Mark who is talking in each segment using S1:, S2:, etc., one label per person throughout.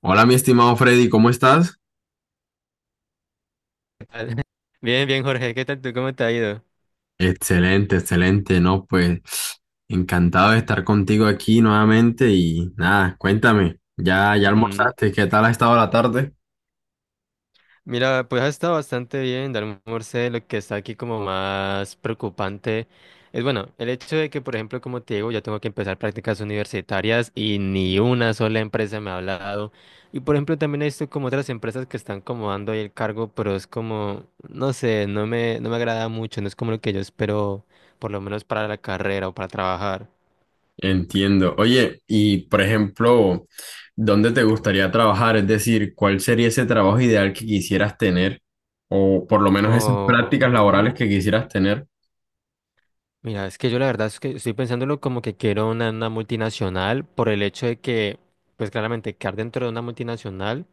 S1: Hola, mi estimado Freddy, ¿cómo estás?
S2: Tal. Bien, bien, Jorge, ¿qué tal tú? ¿Cómo te ha ido?
S1: Excelente, excelente, ¿no? Pues encantado de estar contigo aquí nuevamente y nada, cuéntame, ¿Ya
S2: Ujú.
S1: almorzaste? ¿Qué tal ha estado la tarde?
S2: Mira, pues ha estado bastante bien, Dalmor Morse, lo que está aquí como más preocupante es, bueno, el hecho de que, por ejemplo, como te digo, ya tengo que empezar prácticas universitarias y ni una sola empresa me ha hablado. Y, por ejemplo, también he visto como otras empresas que están como dando ahí el cargo, pero es como, no sé, no me agrada mucho, no es como lo que yo espero, por lo menos para la carrera o para trabajar.
S1: Entiendo. Oye, y por ejemplo, ¿dónde te gustaría trabajar? Es decir, ¿cuál sería ese trabajo ideal que quisieras tener? O por lo menos esas
S2: O...
S1: prácticas
S2: ujú.
S1: laborales que quisieras tener.
S2: Mira, es que yo la verdad es que estoy pensándolo como que quiero una multinacional por el hecho de que, pues claramente, quedar dentro de una multinacional.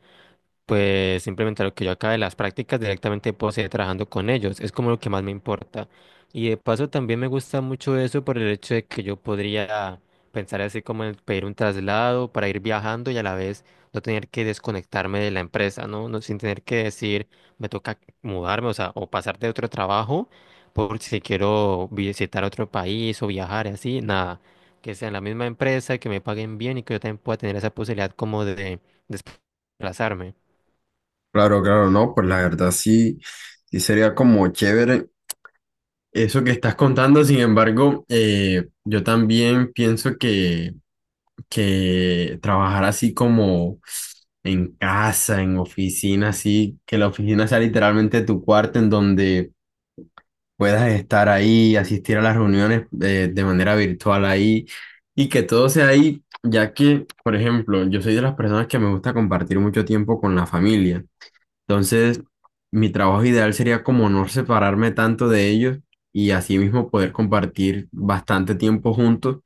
S2: Pues simplemente lo que yo acabe las prácticas directamente puedo seguir trabajando con ellos. Es como lo que más me importa. Y de paso también me gusta mucho eso por el hecho de que yo podría pensar así como en pedir un traslado para ir viajando y a la vez no tener que desconectarme de la empresa, ¿no? No sin tener que decir me toca mudarme, o sea, o pasar de otro trabajo por si quiero visitar otro país o viajar y así, nada. Que sea en la misma empresa, que me paguen bien y que yo también pueda tener esa posibilidad como de desplazarme.
S1: Claro, claro, no, pues la verdad sí, sí sería como chévere. Eso que estás contando, sin embargo, yo también pienso que trabajar así como en casa, en oficina, así, que la oficina sea literalmente tu cuarto en donde puedas estar ahí, asistir a las reuniones de manera virtual ahí y que todo sea ahí, ya que, por ejemplo, yo soy de las personas que me gusta compartir mucho tiempo con la familia. Entonces, mi trabajo ideal sería como no separarme tanto de ellos y así mismo poder compartir bastante tiempo juntos,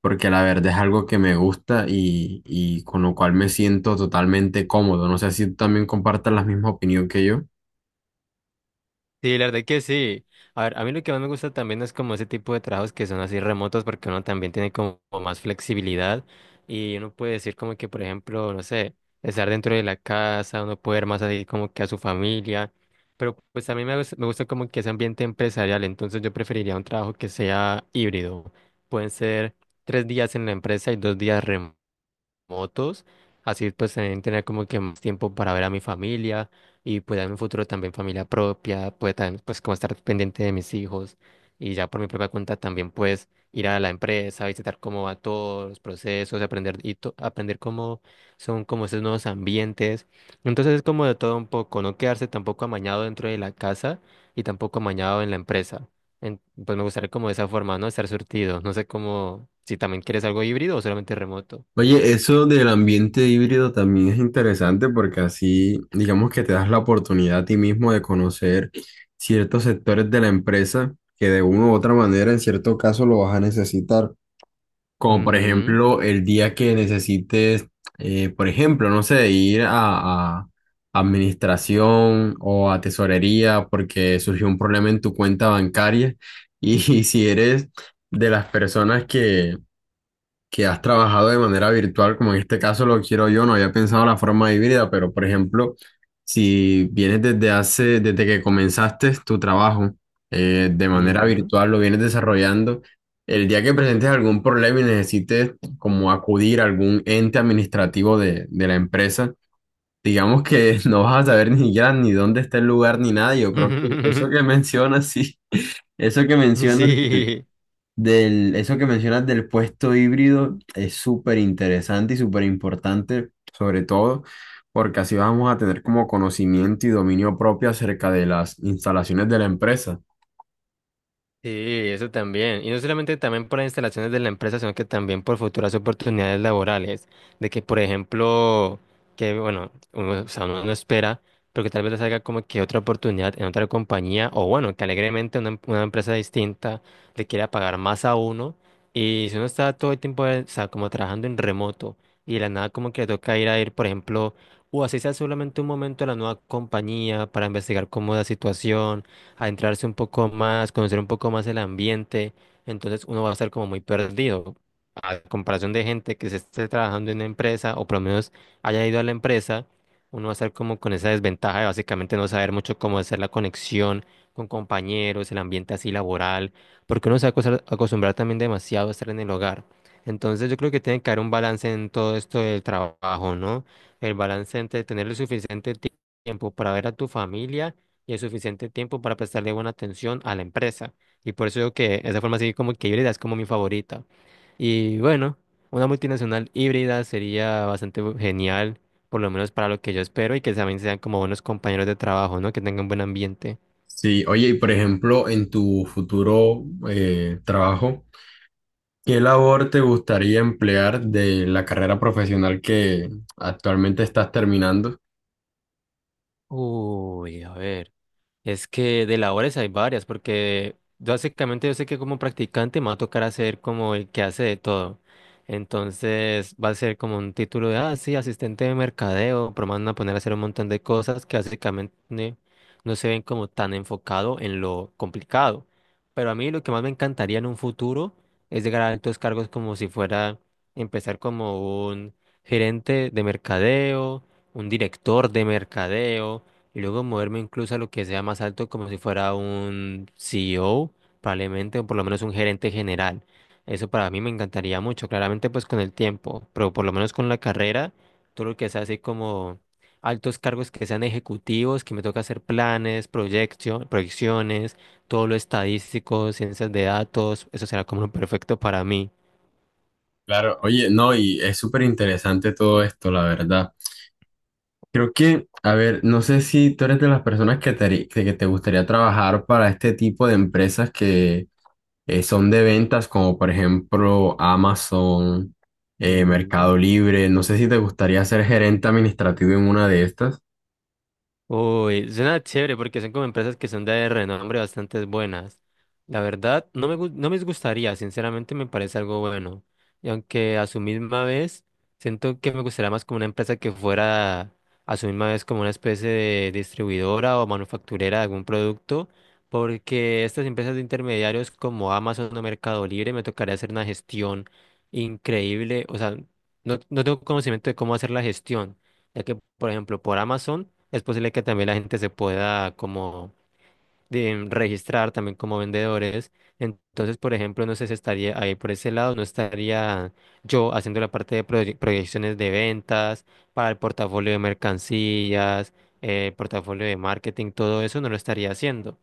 S1: porque la verdad es algo que me gusta y con lo cual me siento totalmente cómodo. No sé si tú también compartas la misma opinión que yo.
S2: Sí, la verdad que sí. A ver, a mí lo que más me gusta también es como ese tipo de trabajos que son así remotos porque uno también tiene como más flexibilidad y uno puede decir como que, por ejemplo, no sé, estar dentro de la casa, uno puede ver más así como que a su familia, pero pues a mí me gusta como que ese ambiente empresarial, entonces yo preferiría un trabajo que sea híbrido. Pueden ser tres días en la empresa y dos días remotos motos, así pues también tener como que más tiempo para ver a mi familia y pues en un futuro también familia propia, pues también pues como estar pendiente de mis hijos y ya por mi propia cuenta también pues ir a la empresa, visitar cómo va todos los procesos, aprender cómo son como esos nuevos ambientes. Entonces es como de todo un poco, no quedarse tampoco amañado dentro de la casa y tampoco amañado en la empresa. Pues me gustaría como de esa forma, ¿no? Estar surtido. No sé cómo, si también quieres algo híbrido o solamente remoto.
S1: Oye, eso del ambiente híbrido también es interesante porque así, digamos que te das la oportunidad a ti mismo de conocer ciertos sectores de la empresa que de una u otra manera en cierto caso lo vas a necesitar. Como por
S2: Ujú,
S1: ejemplo, el día que necesites, por ejemplo, no sé, ir a administración o a tesorería porque surgió un problema en tu cuenta bancaria. Y, si eres de las personas que has trabajado de manera virtual, como en este caso lo quiero yo, no había pensado la forma híbrida, pero por ejemplo, si vienes desde que comenzaste tu trabajo de manera
S2: ujú.
S1: virtual, lo vienes desarrollando, el día que presentes algún problema y necesites como acudir a algún ente administrativo de la empresa, digamos que no vas a saber ni ya ni dónde está el lugar ni nada, y yo creo que eso que mencionas, sí, eso que mencionas
S2: Sí,
S1: eso que mencionas del puesto híbrido es súper interesante y súper importante, sobre todo porque así vamos a tener como conocimiento y dominio propio acerca de las instalaciones de la empresa.
S2: sí, eso también. Y no solamente también por las instalaciones de la empresa, sino que también por futuras oportunidades laborales. De que, por ejemplo, que, bueno, uno, o sea, uno no espera, pero que tal vez le salga como que otra oportunidad en otra compañía, o bueno, que alegremente una empresa distinta le quiera pagar más a uno. Y si uno está todo el tiempo, o sea, como trabajando en remoto, y de la nada como que le toca ir, por ejemplo, o así sea solamente un momento a la nueva compañía para investigar cómo es la situación adentrarse un poco más, conocer un poco más el ambiente, entonces uno va a estar como muy perdido. A comparación de gente que se esté trabajando en una empresa o por lo menos haya ido a la empresa, uno va a estar como con esa desventaja de básicamente no saber mucho cómo hacer la conexión con compañeros, el ambiente así laboral, porque uno se va a acostumbrar también demasiado a estar en el hogar. Entonces yo creo que tiene que haber un balance en todo esto del trabajo, ¿no? El balance entre tener el tiempo para ver a tu familia y hay suficiente tiempo para prestarle buena atención a la empresa. Y por eso digo que esa forma así como que híbrida es como mi favorita. Y bueno, una multinacional híbrida sería genial, por lo menos para lo que yo espero, y que también sean como buenos compañeros de trabajo, ¿no? Que tengan buen ambiente.
S1: Sí, oye, y por ejemplo, en tu futuro trabajo, ¿qué labor te gustaría emplear de la carrera profesional que actualmente estás terminando?
S2: Uy, a ver. Es que de labores hay varias, porque básicamente yo sé que como practicante me va a tocar hacer como el que hace de todo. Entonces va a ser como un título de, ah, sí, asistente de mercadeo, pero me van a poner a hacer un montón de cosas que básicamente no se ven como tan enfocado en lo complicado. Pero a mí lo que más me encantaría en un futuro es llegar a altos cargos como si fuera empezar como un gerente de mercadeo, un director de mercadeo y luego moverme incluso a lo que sea más alto, como si fuera un CEO, probablemente, o por lo menos un gerente general. Eso para mí me encantaría mucho, claramente pues con el tiempo, pero por lo menos con la carrera, todo lo que sea así como altos cargos que sean ejecutivos, que me toca hacer planes, proyecciones, todo lo estadístico, ciencias de datos, eso será como lo perfecto para mí.
S1: Claro, oye, no, y es súper interesante todo esto, la verdad. Creo que, a ver, no sé si tú eres de las personas que te gustaría trabajar para este tipo de empresas que son de ventas, como por ejemplo Amazon, Mercado Libre. No sé si te gustaría ser gerente administrativo en una de estas.
S2: Uy, suena chévere porque son como empresas que son de renombre bastante buenas. La verdad, no me gustaría, sinceramente me parece algo bueno. Y aunque a su misma vez, siento que me gustaría más como una empresa que fuera a su misma vez como una especie de distribuidora o manufacturera de algún producto, porque estas empresas de intermediarios como Amazon o Mercado Libre me tocaría hacer una gestión increíble. O sea, no tengo conocimiento de cómo hacer la gestión ya que, por ejemplo, por Amazon es posible que también la gente se pueda como registrar también como vendedores. Entonces, por ejemplo, no sé si estaría ahí por ese lado, no estaría yo haciendo la parte de proyecciones de ventas para el portafolio de mercancías, portafolio de marketing, todo eso no lo estaría haciendo.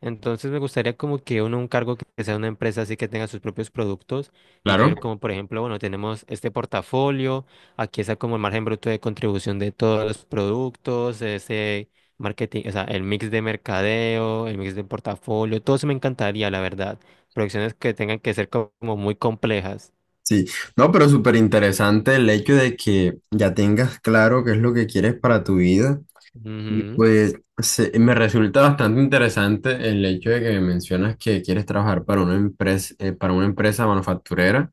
S2: Entonces me gustaría como que uno, un cargo que sea una empresa así que tenga sus propios productos y yo
S1: Claro.
S2: ver como por ejemplo, bueno, tenemos este portafolio, aquí está como el margen bruto de contribución de todos los productos, ese marketing, o sea, el mix de mercadeo, el mix de portafolio, todo eso me encantaría, la verdad. Producciones que tengan que ser como muy complejas.
S1: Sí, no, pero súper interesante el hecho de que ya tengas claro qué es lo que quieres para tu vida. Y
S2: Ujú,
S1: pues me resulta bastante interesante el hecho de que mencionas que quieres trabajar para una empresa manufacturera.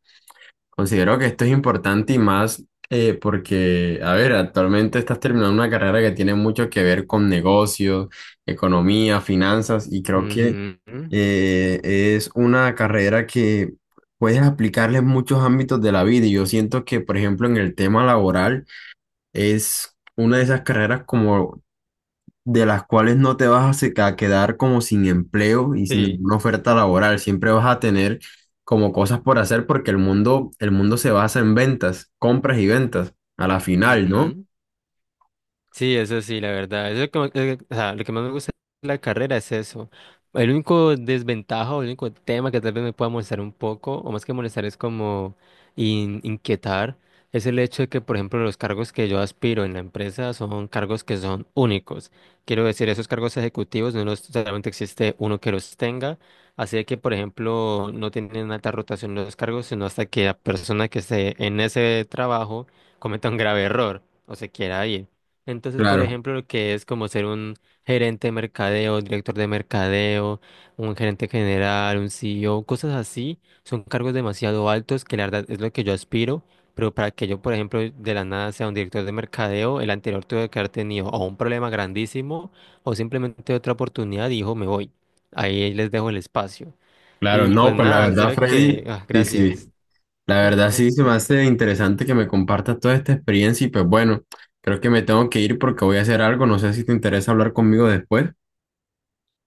S1: Considero que esto es importante y más porque, a ver, actualmente estás terminando una carrera que tiene mucho que ver con negocios, economía, finanzas y creo que
S2: ujú,
S1: es una carrera que puedes aplicarle en muchos ámbitos de la vida y yo siento que, por ejemplo, en el tema laboral es... Una de esas carreras como de las cuales no te vas a quedar como sin empleo y sin
S2: sí.
S1: ninguna oferta laboral. Siempre vas a tener como cosas por hacer porque el mundo se basa en ventas, compras y ventas, a la final, ¿no?
S2: Ujú. Sí, eso sí, la verdad. Eso es como- o sea, lo que más me gusta de la carrera es eso. El único desventaja o el único tema que tal vez me pueda molestar un poco, o más que molestar, es como inquietar, es el hecho de que, por ejemplo, los cargos que yo aspiro en la empresa son cargos que son únicos. Quiero decir, esos cargos ejecutivos no los, solamente existe uno que los tenga. Así de que, por ejemplo, no tienen alta rotación los cargos, sino hasta que la persona que esté en ese trabajo cometa un grave error o se quiera ir. Entonces, por
S1: Claro,
S2: ejemplo, lo que es como ser un gerente de mercadeo, director de mercadeo, un gerente general, un CEO, cosas así, son cargos demasiado altos que la verdad es lo que yo aspiro, pero para que yo, por ejemplo, de la nada sea un director de mercadeo, el anterior tuve que haber tenido o un problema grandísimo o simplemente otra oportunidad y dijo, me voy. Ahí les dejo el espacio.
S1: claro,
S2: Y pues
S1: no, pues la
S2: nada, en
S1: verdad,
S2: serio que,
S1: Freddy,
S2: ah,
S1: sí, sí,
S2: gracias.
S1: la verdad sí se me hace interesante que me compartas toda esta experiencia y pues bueno, creo que me tengo que ir porque voy a hacer algo, no sé si te interesa hablar conmigo después.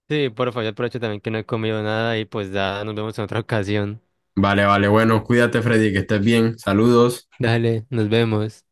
S2: Sí, por favor, aprovecho también que no he comido nada y pues ya nos vemos en otra ocasión.
S1: Vale, vale, bueno, cuídate, Freddy, que estés bien, saludos.
S2: Dale, nos vemos.